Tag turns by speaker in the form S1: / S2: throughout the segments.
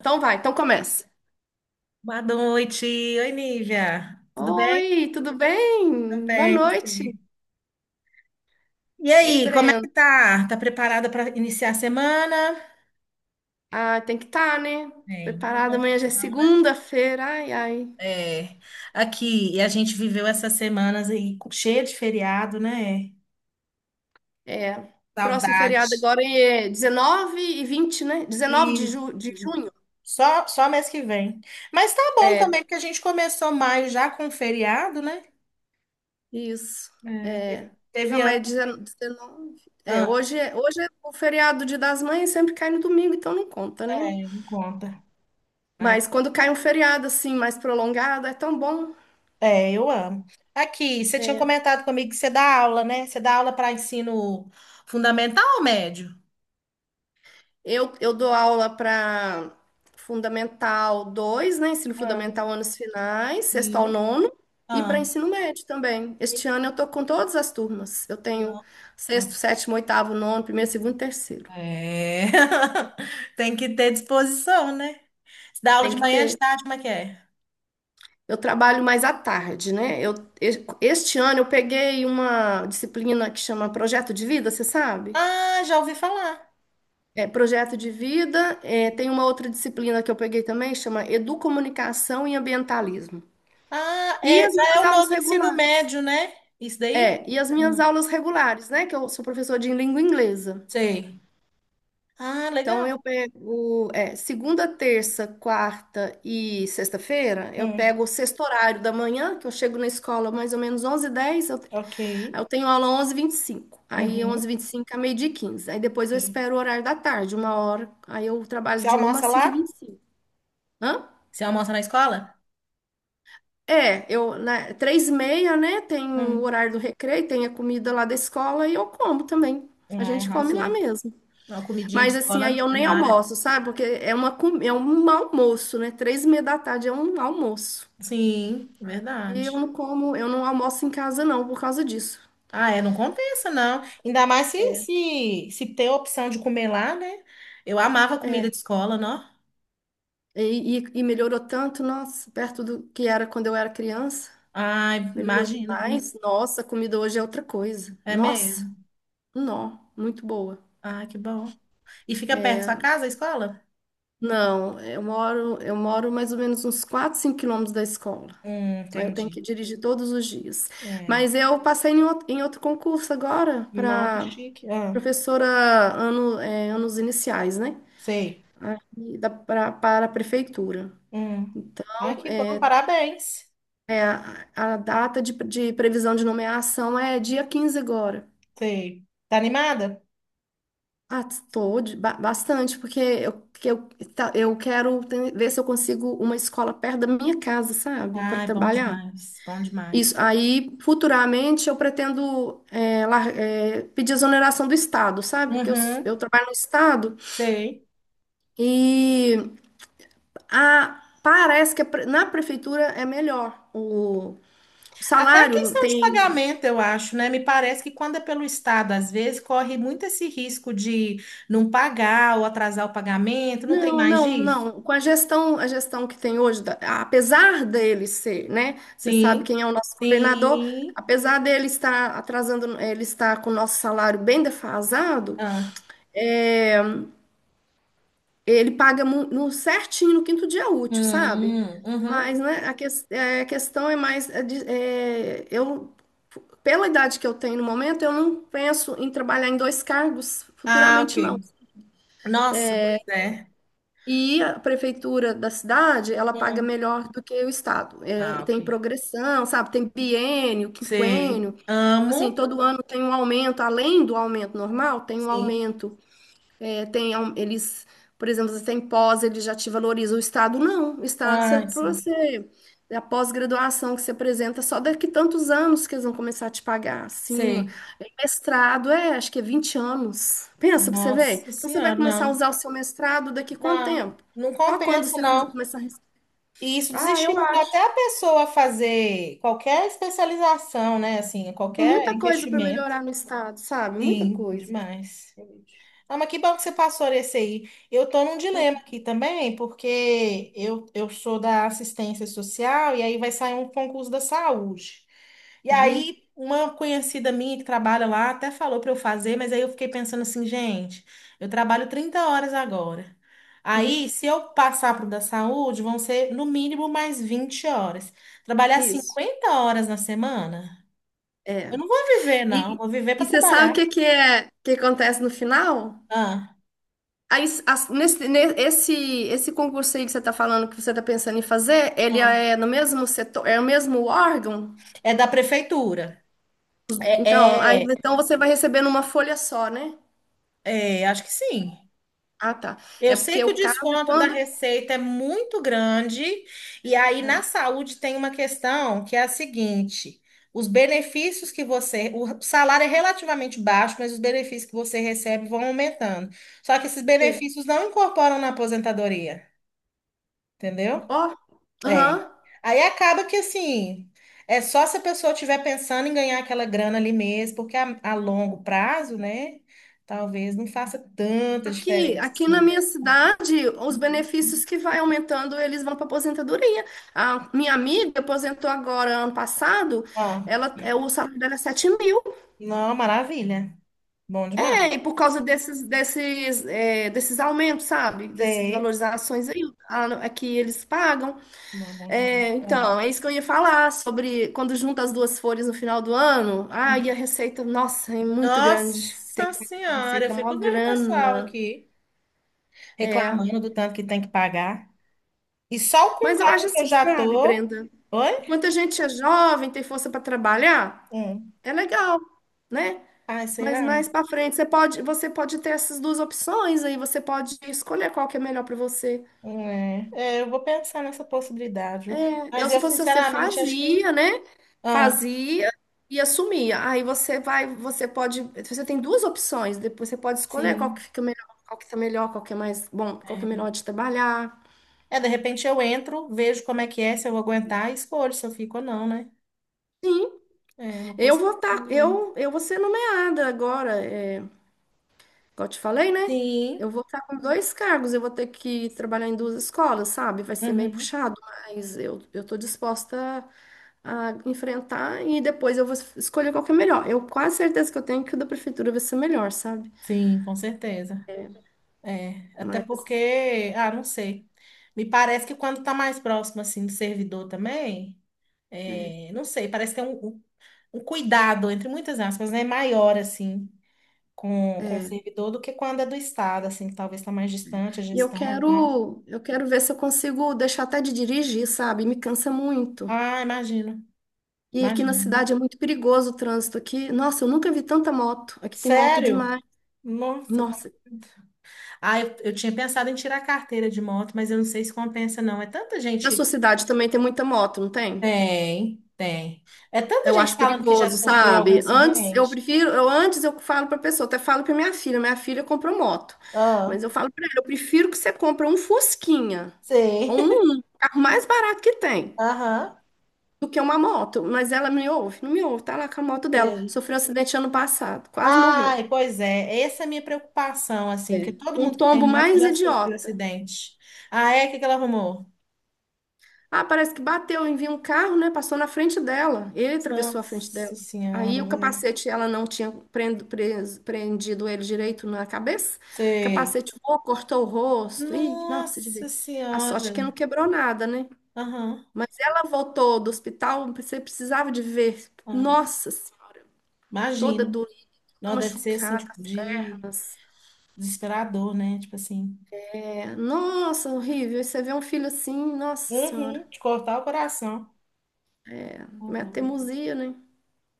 S1: Então vai, então começa.
S2: Boa noite. Oi, Nívia. Tudo bem?
S1: Oi, tudo
S2: Tudo
S1: bem? Boa
S2: bem,
S1: noite.
S2: você? E
S1: Ei,
S2: aí, como é
S1: Breno.
S2: que tá? Tá preparada para iniciar a semana?
S1: Ah, tem que estar, né?
S2: Bem, não tem
S1: Preparada,
S2: outra
S1: amanhã já é
S2: opção, né?
S1: segunda-feira. Ai, ai.
S2: É, aqui, e a gente viveu essas semanas aí cheia de feriado, né?
S1: É. Próximo
S2: Saudade.
S1: feriado agora é 19 e 20, né? 19 de,
S2: Isso.
S1: ju de junho.
S2: Só mês que vem. Mas tá bom também,
S1: É,
S2: porque a gente começou maio já com feriado, né?
S1: isso.
S2: É,
S1: É.
S2: teve
S1: Não, mas
S2: ano.
S1: é 19. É,
S2: Ah,
S1: hoje é, hoje é o feriado Dia das Mães, sempre cai no domingo, então não conta, né?
S2: é, me conta. Ah,
S1: Mas quando cai um feriado assim mais prolongado, é tão bom.
S2: é, eu amo. Aqui, você tinha
S1: É.
S2: comentado comigo que você dá aula, né? Você dá aula para ensino fundamental ou médio?
S1: Eu dou aula para fundamental 2, né? Ensino
S2: Ah,
S1: Fundamental anos finais, sexto ao
S2: sim.
S1: nono, e para
S2: Ah,
S1: ensino médio também. Este ano
S2: tem-
S1: eu tô com todas as turmas. Eu tenho
S2: não, ah,
S1: sexto, sétimo, oitavo, nono, primeiro, segundo e terceiro.
S2: é. Tem que ter disposição, né? Você dá aula
S1: Tem
S2: de
S1: que
S2: manhã, de
S1: ter.
S2: tarde, como é que é?
S1: Eu trabalho mais à tarde, né? Este ano eu peguei uma disciplina que chama Projeto de Vida, você sabe?
S2: Ah, já ouvi falar.
S1: É, projeto de vida. É, tem uma outra disciplina que eu peguei também, chama Educomunicação e Ambientalismo.
S2: Ah,
S1: E
S2: é,
S1: as
S2: já é
S1: minhas
S2: o
S1: aulas
S2: novo ensino
S1: regulares.
S2: médio, né? Isso daí?
S1: É, e as minhas
S2: Hum,
S1: aulas regulares, né? Que eu sou professora de língua inglesa.
S2: sei. Ah,
S1: Então,
S2: legal.
S1: eu pego, é, segunda, terça, quarta e sexta-feira, eu
S2: Hum,
S1: pego o sexto horário da manhã, que eu chego na escola mais ou menos onze h 10,
S2: ok.
S1: eu tenho aula onze e vinte e cinco. Aí, onze
S2: Uhum,
S1: e vinte e cinco a meio-dia e 15. Aí, depois eu
S2: sei.
S1: espero o horário da tarde, uma hora. Aí, eu trabalho
S2: Você
S1: de uma
S2: almoça
S1: às cinco e
S2: lá?
S1: vinte e cinco.
S2: Você almoça na escola?
S1: É, eu, né, três e meia, né? Tem o
S2: Hum,
S1: horário do recreio, tem a comida lá da escola e eu como também. A
S2: ah,
S1: gente come lá
S2: arrasou.
S1: mesmo.
S2: Uma comidinha de
S1: Mas assim, aí
S2: escola
S1: eu
S2: é
S1: nem
S2: mara.
S1: almoço, sabe? Porque é uma, é um almoço, né? Três e meia da tarde é um almoço.
S2: Sim,
S1: E eu
S2: verdade.
S1: não como, eu não almoço em casa não, por causa disso.
S2: Ah, é, não compensa, não. Ainda mais se tem a opção de comer lá, né? Eu amava comida de escola, não?
S1: E melhorou tanto, nossa, perto do que era quando eu era criança.
S2: Ai,
S1: Melhorou
S2: imagina, viu?
S1: demais. Nossa, a comida hoje é outra coisa.
S2: É
S1: Nossa,
S2: mesmo.
S1: nó, muito boa.
S2: Ah, que bom. E fica perto da sua casa, a escola?
S1: Não, eu moro mais ou menos uns 4, 5 quilômetros da escola. Aí eu tenho
S2: Entendi.
S1: que dirigir todos os dias.
S2: É.
S1: Mas eu passei em outro concurso agora
S2: Nó, que
S1: para
S2: chique. Ah,
S1: professora ano, é, anos iniciais, né?
S2: sei.
S1: Para a prefeitura.
S2: Hum. Ai,
S1: Então,
S2: que bom,
S1: é,
S2: parabéns.
S1: é a data de previsão de nomeação é dia 15 agora.
S2: Sei. Tá animada?
S1: Ah, estou bastante, porque eu quero ver se eu consigo uma escola perto da minha casa, sabe? Para
S2: Ai, bom
S1: trabalhar.
S2: demais, bom
S1: Isso.
S2: demais.
S1: Aí, futuramente, eu pretendo é, é, pedir exoneração do Estado, sabe? Porque
S2: Uhum,
S1: eu trabalho no Estado
S2: sei.
S1: e parece que na prefeitura é melhor. O
S2: Até a
S1: salário
S2: questão de
S1: tem.
S2: pagamento, eu acho, né? Me parece que quando é pelo Estado, às vezes, corre muito esse risco de não pagar ou atrasar o pagamento, não tem
S1: Não,
S2: mais
S1: não,
S2: disso?
S1: não. Com a gestão que tem hoje, apesar dele ser, né? Você sabe
S2: Sim,
S1: quem é o nosso governador,
S2: sim.
S1: apesar dele estar atrasando, ele está com o nosso salário bem defasado.
S2: Ah,
S1: É, ele paga no certinho no quinto dia útil, sabe?
S2: hum, uhum.
S1: Mas, né, a, a questão é mais, pela idade que eu tenho no momento, eu não penso em trabalhar em dois cargos
S2: Ah,
S1: futuramente, não.
S2: ok. Nossa, pois é.
S1: E a prefeitura da cidade, ela paga
S2: Hum.
S1: melhor do que o estado. É,
S2: Ah,
S1: e
S2: ok.
S1: tem progressão, sabe? Tem biênio,
S2: Sei.
S1: quinquênio. Assim,
S2: Amo.
S1: todo ano tem um aumento, além do aumento normal, tem um
S2: Sim.
S1: aumento. É, tem, é um, eles, por exemplo, você tem pós, ele já te valoriza. O Estado não. O Estado, você,
S2: Ah,
S1: pra
S2: sim.
S1: você, é a pós-graduação que você apresenta, só daqui tantos anos que eles vão começar a te pagar acima.
S2: Sei.
S1: É, Mestrado, é, acho que é 20 anos. Pensa pra você ver.
S2: Nossa
S1: Então, você vai
S2: Senhora,
S1: começar a
S2: não.
S1: usar o seu mestrado daqui quanto
S2: Não,
S1: tempo?
S2: não
S1: Só quando
S2: compensa,
S1: você
S2: não.
S1: começar a...
S2: E isso
S1: Ah, eu
S2: desestimula
S1: acho.
S2: até a pessoa a fazer qualquer especialização, né? Assim,
S1: Tem
S2: qualquer
S1: muita coisa para
S2: investimento.
S1: melhorar no Estado, sabe? Muita
S2: Sim,
S1: coisa.
S2: demais. Ah, mas que bom que você passou nesse aí. Eu tô num dilema aqui também, porque eu sou da assistência social e aí vai sair um concurso da saúde. E
S1: Uhum,
S2: aí, uma conhecida minha que trabalha lá até falou para eu fazer, mas aí eu fiquei pensando assim, gente, eu trabalho 30 horas agora.
S1: uhum.
S2: Aí, se eu passar para o da saúde, vão ser no mínimo mais 20 horas. Trabalhar
S1: Isso.
S2: 50 horas na semana?
S1: É.
S2: Eu não vou viver, não.
S1: E,
S2: Vou viver para
S1: e você sabe
S2: trabalhar.
S1: o que que é que acontece no final?
S2: Ah,
S1: Aí, esse concurso aí que você está falando, que você está pensando em fazer, ele
S2: ah.
S1: é no mesmo setor, é o mesmo órgão?
S2: É da prefeitura.
S1: Então, aí,
S2: É, é,
S1: então você vai receber numa folha só, né?
S2: é, acho que sim.
S1: Ah, tá.
S2: Eu
S1: É
S2: sei
S1: porque
S2: que o
S1: o caso é
S2: desconto da
S1: quando.
S2: receita é muito grande, e aí na
S1: Ah,
S2: saúde tem uma questão que é a seguinte: os benefícios que você. O salário é relativamente baixo, mas os benefícios que você recebe vão aumentando. Só que esses
S1: sei.
S2: benefícios não incorporam na aposentadoria, entendeu?
S1: Ó, aham.
S2: É. Aí acaba que assim. É só se a pessoa estiver pensando em ganhar aquela grana ali mesmo, porque a longo prazo, né? Talvez não faça tanta
S1: Aqui,
S2: diferença
S1: aqui na
S2: assim.
S1: minha cidade, os benefícios que vai aumentando, eles vão para aposentadoria. A minha amiga aposentou agora ano passado, ela, é, o salário dela é 7 mil,
S2: Não, maravilha. Bom demais.
S1: né? E por causa desses, desses, é, desses aumentos, sabe? Dessas
S2: Sei.
S1: valorizações aí, a que eles pagam.
S2: Não, bom demais.
S1: É,
S2: É.
S1: então, é isso que eu ia falar sobre quando junta as duas folhas no final do ano. Ah, e
S2: Hum.
S1: a receita, nossa, é muito grande. Tem
S2: Nossa
S1: que pagar
S2: Senhora, eu
S1: receita, mó
S2: fico vendo o pessoal
S1: grana.
S2: aqui
S1: É.
S2: reclamando do tanto que tem que pagar. E só com o
S1: Mas eu acho
S2: cargo que eu
S1: assim,
S2: já
S1: sabe,
S2: tô.
S1: Brenda?
S2: Oi?
S1: Muita gente é jovem, tem força para trabalhar,
S2: Hum.
S1: é legal, né?
S2: Ai,
S1: Mas mais
S2: será?
S1: para frente, você pode ter essas duas opções aí, você pode escolher qual que é melhor para você.
S2: É. É, eu vou pensar nessa possibilidade, viu?
S1: Eu,
S2: Mas
S1: se
S2: eu,
S1: fosse você,
S2: sinceramente, acho que.
S1: fazia, né?
S2: Ah,
S1: Fazia e assumia. Aí você vai, você pode, você tem duas opções, depois você pode escolher qual que
S2: sim.
S1: fica melhor, qual que tá melhor, qual que é mais bom, qual que é
S2: É.
S1: melhor de trabalhar.
S2: É, de repente eu entro, vejo como é que é, se eu vou aguentar e escolho se eu fico ou não, né?
S1: Sim,
S2: É uma possibilidade mesmo.
S1: eu vou ser nomeada agora. É, como eu te falei, né?
S2: Sim.
S1: Eu vou estar com dois cargos, eu vou ter que trabalhar em duas escolas, sabe? Vai ser bem
S2: Uhum.
S1: puxado, mas eu tô disposta a enfrentar e depois eu vou escolher qual que é melhor. Eu quase certeza que eu tenho que o da prefeitura vai ser melhor, sabe?
S2: Sim, com certeza. É, até
S1: Mas
S2: porque, ah, não sei. Me parece que quando tá mais próximo, assim, do servidor também, é, não sei, parece que tem um cuidado, entre muitas aspas, né, maior, assim, com o
S1: é.
S2: servidor do que quando é do Estado, assim, que talvez tá mais distante a
S1: E eu
S2: gestão, tá?
S1: quero, eu quero ver se eu consigo deixar até de dirigir, sabe? Me cansa muito.
S2: Ah, imagino,
S1: E aqui na
S2: imagino,
S1: cidade
S2: viu?
S1: é muito perigoso o trânsito aqui. Nossa, eu nunca vi tanta moto. Aqui tem moto
S2: Sério?
S1: demais.
S2: Nossa, tá,
S1: Nossa.
S2: ah, eu tinha pensado em tirar a carteira de moto, mas eu não sei se compensa, não. É tanta
S1: Na sua
S2: gente.
S1: cidade também tem muita moto, não tem?
S2: Tem, tem. É tanta
S1: Eu
S2: gente
S1: acho
S2: falando que já
S1: perigoso,
S2: sofreu algum
S1: sabe? Antes eu
S2: acidente.
S1: prefiro, eu antes eu falo para pessoa, até falo para minha filha comprou moto.
S2: Ah,
S1: Mas eu falo para ela, eu prefiro que você compre um Fusquinha,
S2: sei.
S1: um carro mais barato que tem,
S2: Aham,
S1: do que uma moto. Mas ela me ouve, não me ouve, tá lá com a moto dela.
S2: sei.
S1: Sofreu um acidente ano passado, quase morreu.
S2: Ai, pois é. Essa é a minha preocupação, assim, porque
S1: É.
S2: todo
S1: Um
S2: mundo que
S1: tombo
S2: tem moto
S1: mais
S2: já sofreu
S1: idiota.
S2: acidente. Ah, é? O que que ela arrumou?
S1: Ah, parece que bateu, enviou um carro, né? Passou na frente dela. Ele atravessou a frente dela.
S2: Nossa
S1: Aí
S2: Senhora,
S1: o
S2: velho.
S1: capacete, ela não tinha prendido ele direito na cabeça. O
S2: Sei.
S1: capacete voou, cortou o rosto. Ih, não, precisa de
S2: Nossa
S1: ver. A sorte é que não
S2: Senhora.
S1: quebrou nada, né?
S2: Aham,
S1: Mas ela voltou do hospital, você precisava de ver.
S2: aham.
S1: Nossa Senhora, toda
S2: Imagino.
S1: doída,
S2: Não, deve ser, assim,
S1: machucada.
S2: tipo, de desesperador, né? Tipo assim.
S1: É, nossa, horrível. E você vê um filho assim, nossa Senhora,
S2: Uhum, de cortar o coração. Não,
S1: é
S2: dúvida.
S1: teimosia, né?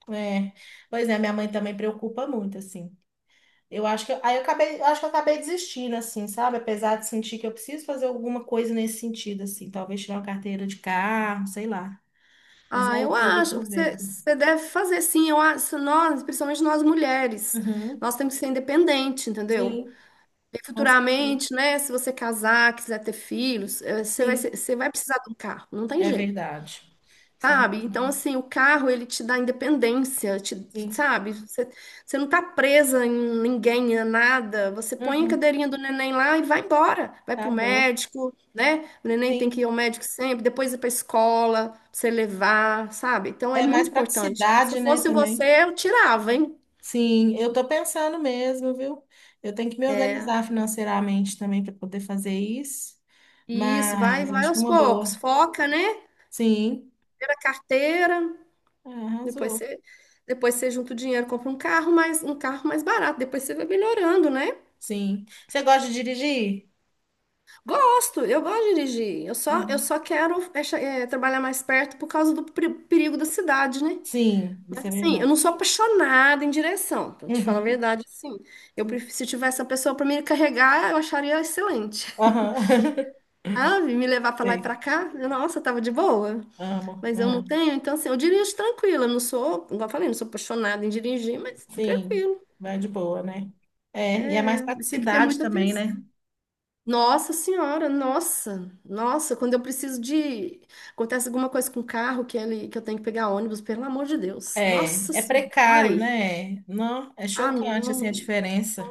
S2: É, pois é, minha mãe também preocupa muito, assim. Eu acho que aí eu acabei, eu acho que eu acabei desistindo, assim, sabe? Apesar de sentir que eu preciso fazer alguma coisa nesse sentido, assim, talvez tirar uma carteira de carro, sei lá. Mas é
S1: Ah,
S2: o
S1: eu
S2: que ele
S1: acho,
S2: por
S1: você,
S2: vendo.
S1: você deve fazer sim, eu acho, nós, principalmente nós mulheres,
S2: Uhum.
S1: nós temos que ser independente, entendeu?
S2: Sim,
S1: E
S2: com certeza.
S1: futuramente, né, se você casar, quiser ter filhos, você vai,
S2: Sim,
S1: você vai precisar de um carro, não tem
S2: é
S1: jeito.
S2: verdade. Você tem
S1: Sabe? Então,
S2: razão.
S1: assim, o carro, ele te dá independência, te,
S2: Sim.
S1: sabe? Você, você não tá presa em ninguém, a nada. Você põe a
S2: Uhum.
S1: cadeirinha do neném lá e vai embora. Vai pro
S2: Tá bom.
S1: médico, né? O neném tem
S2: Sim.
S1: que ir ao médico sempre, depois ir pra escola, pra você levar, sabe? Então, é
S2: É mais
S1: muito importante. Se
S2: praticidade,
S1: eu
S2: né,
S1: fosse
S2: também.
S1: você, eu tirava, hein?
S2: Sim, eu tô pensando mesmo, viu? Eu tenho que me organizar financeiramente também para poder fazer isso,
S1: Isso, vai,
S2: mas
S1: vai
S2: acho que é
S1: aos
S2: uma boa.
S1: poucos. Foca, né?
S2: Sim,
S1: Primeiro a carteira,
S2: é,
S1: depois
S2: arrasou.
S1: você, depois você junta o dinheiro, compra um carro mais barato. Depois você vai melhorando, né?
S2: Sim. Você gosta de dirigir?
S1: Gosto, eu gosto de dirigir. Eu
S2: Uhum.
S1: só quero é, trabalhar mais perto por causa do perigo da cidade, né?
S2: Sim, isso
S1: Mas
S2: é
S1: assim,
S2: verdade.
S1: eu não sou apaixonada em direção, pra te falar a
S2: Uhum.
S1: verdade, assim. Eu
S2: Sim.
S1: prefiro, se tivesse uma pessoa pra me carregar, eu acharia excelente.
S2: Aham.
S1: Sabe? Me levar pra lá e
S2: Sei.
S1: pra cá, eu, nossa, tava de boa.
S2: Amo,
S1: Mas eu não
S2: amo.
S1: tenho, então assim, eu dirijo tranquila. Eu não sou, igual eu falei, não sou apaixonada em dirigir, mas
S2: Sim,
S1: tranquilo.
S2: vai de boa, né? É, e é mais
S1: Tem que ter
S2: praticidade
S1: muita
S2: também, né?
S1: atenção. Nossa Senhora, nossa, nossa, quando eu preciso de. Acontece alguma coisa com o carro que, ele, que eu tenho que pegar ônibus, pelo amor de Deus.
S2: É,
S1: Nossa
S2: é
S1: Senhora.
S2: precário,
S1: Ai,
S2: né? Não, é
S1: ah,
S2: chocante assim a
S1: não.
S2: diferença.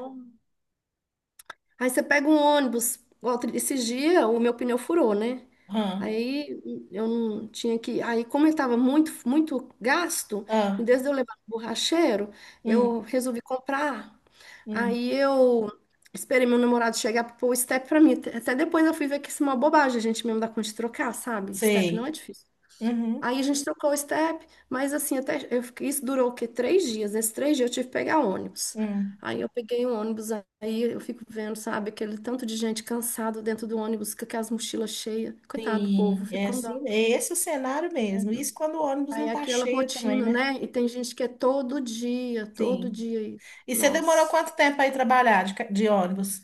S1: Aí você pega um ônibus, igual esses dias o meu pneu furou, né?
S2: Aham.
S1: Aí eu não tinha que. Aí, como ele estava muito gasto, em
S2: Ah,
S1: vez de eu levar no borracheiro,
S2: hum,
S1: eu resolvi comprar.
S2: hum.
S1: Aí eu esperei meu namorado chegar para pôr o step para mim. Até depois eu fui ver que isso é uma bobagem, a gente mesmo dá conta de trocar, sabe? Step não é
S2: Sei.
S1: difícil.
S2: Uhum,
S1: Aí a gente trocou o step, mas assim, até eu fiquei- isso durou o quê? Três dias. Nesses três dias eu tive que pegar ônibus.
S2: uhum.
S1: Aí eu peguei um ônibus, aí eu fico vendo, sabe, aquele tanto de gente cansada dentro do ônibus, com aquelas mochilas cheias. Coitado do povo,
S2: Sim, é
S1: fico com dó.
S2: assim, é esse o cenário mesmo. Isso quando o ônibus
S1: Aí
S2: não
S1: é
S2: tá
S1: aquela
S2: cheio também,
S1: rotina,
S2: né?
S1: né? E tem gente que é todo
S2: Sim.
S1: dia isso.
S2: E você demorou
S1: Nossa.
S2: quanto tempo aí trabalhar de, de ônibus?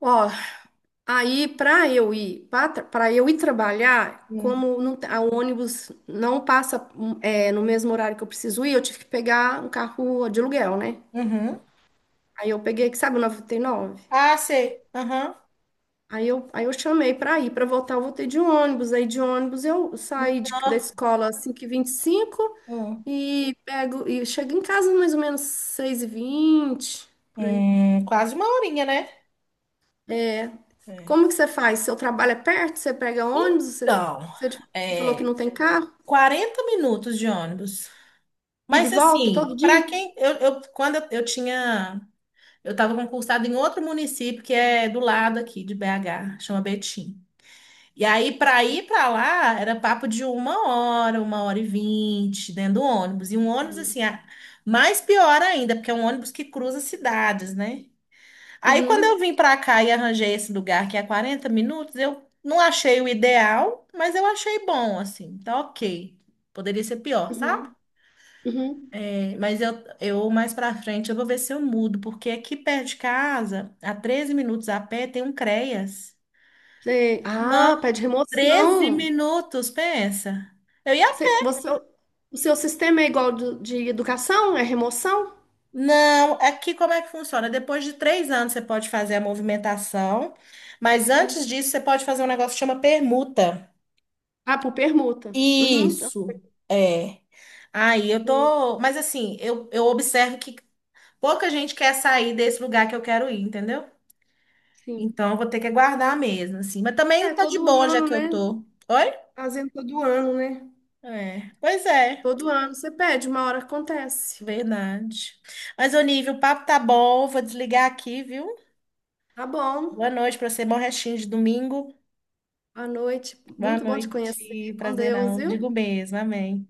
S1: Ó, aí para eu ir trabalhar,
S2: Hum.
S1: como não, te- a o ônibus não passa no mesmo horário que eu preciso ir, eu tive que pegar um carro de aluguel, né?
S2: Uhum.
S1: Aí eu peguei, que sabe, o novecentos e trinta e nove.
S2: Ah, sei. Aham.
S1: Aí eu chamei para ir, para voltar, eu voltei de ônibus. Aí de ônibus eu saí da
S2: Nó.
S1: escola às 5 e 25
S2: Hum.
S1: e cinco e pego e chego em casa mais ou menos seis e vinte por aí.
S2: Quase uma horinha, né? É.
S1: Como que você faz? Seu trabalho é perto? Você pega ônibus?
S2: Então,
S1: Você, você falou que
S2: é,
S1: não tem carro?
S2: 40 minutos de ônibus.
S1: Ida e
S2: Mas
S1: volta todo
S2: assim, para
S1: dia?
S2: quem eu, quando eu tinha. Eu estava concursada em outro município que é do lado aqui de BH, chama Betim. E aí, para ir para lá, era papo de 1 hora, 1 hora e 20, dentro do ônibus. E um ônibus, assim,
S1: Sim.
S2: ah, mais pior ainda, porque é um ônibus que cruza cidades, né? Aí, quando eu
S1: Uhum,
S2: vim para cá e arranjei esse lugar que é 40 minutos, eu não achei o ideal, mas eu achei bom, assim, tá ok. Poderia ser pior, sabe?
S1: uhum, uhum.
S2: Mas eu mais pra frente eu vou ver se eu mudo, porque aqui perto de casa, a 13 minutos a pé, tem um CREAS.
S1: Sei. Ah,
S2: Não,
S1: pede
S2: 13
S1: remoção.
S2: minutos, pensa. Eu ia.
S1: Você, você- o seu sistema é igual de educação? É remoção?
S2: Não, aqui como é que funciona? Depois de 3 anos você pode fazer a movimentação, mas antes disso você pode fazer um negócio que chama permuta.
S1: Ah, por permuta. Uhum.
S2: Isso, é. Aí eu
S1: Ok,
S2: tô. Mas assim, eu observo que pouca gente quer sair desse lugar que eu quero ir, entendeu?
S1: sim.
S2: Então, eu vou ter que aguardar mesmo, assim. Mas também
S1: É,
S2: tá de
S1: todo
S2: boa, já
S1: ano,
S2: que eu
S1: né?
S2: tô. Oi?
S1: Fazendo todo ano, né?
S2: É, pois é,
S1: Todo ano você pede, uma hora acontece.
S2: verdade. Mas, Onívio, o papo tá bom, vou desligar aqui, viu?
S1: Tá bom.
S2: Boa noite pra você, bom restinho de domingo.
S1: Boa noite.
S2: Boa
S1: Muito bom te conhecer.
S2: noite,
S1: Com Deus,
S2: prazerão. Digo
S1: viu?
S2: mesmo, amém.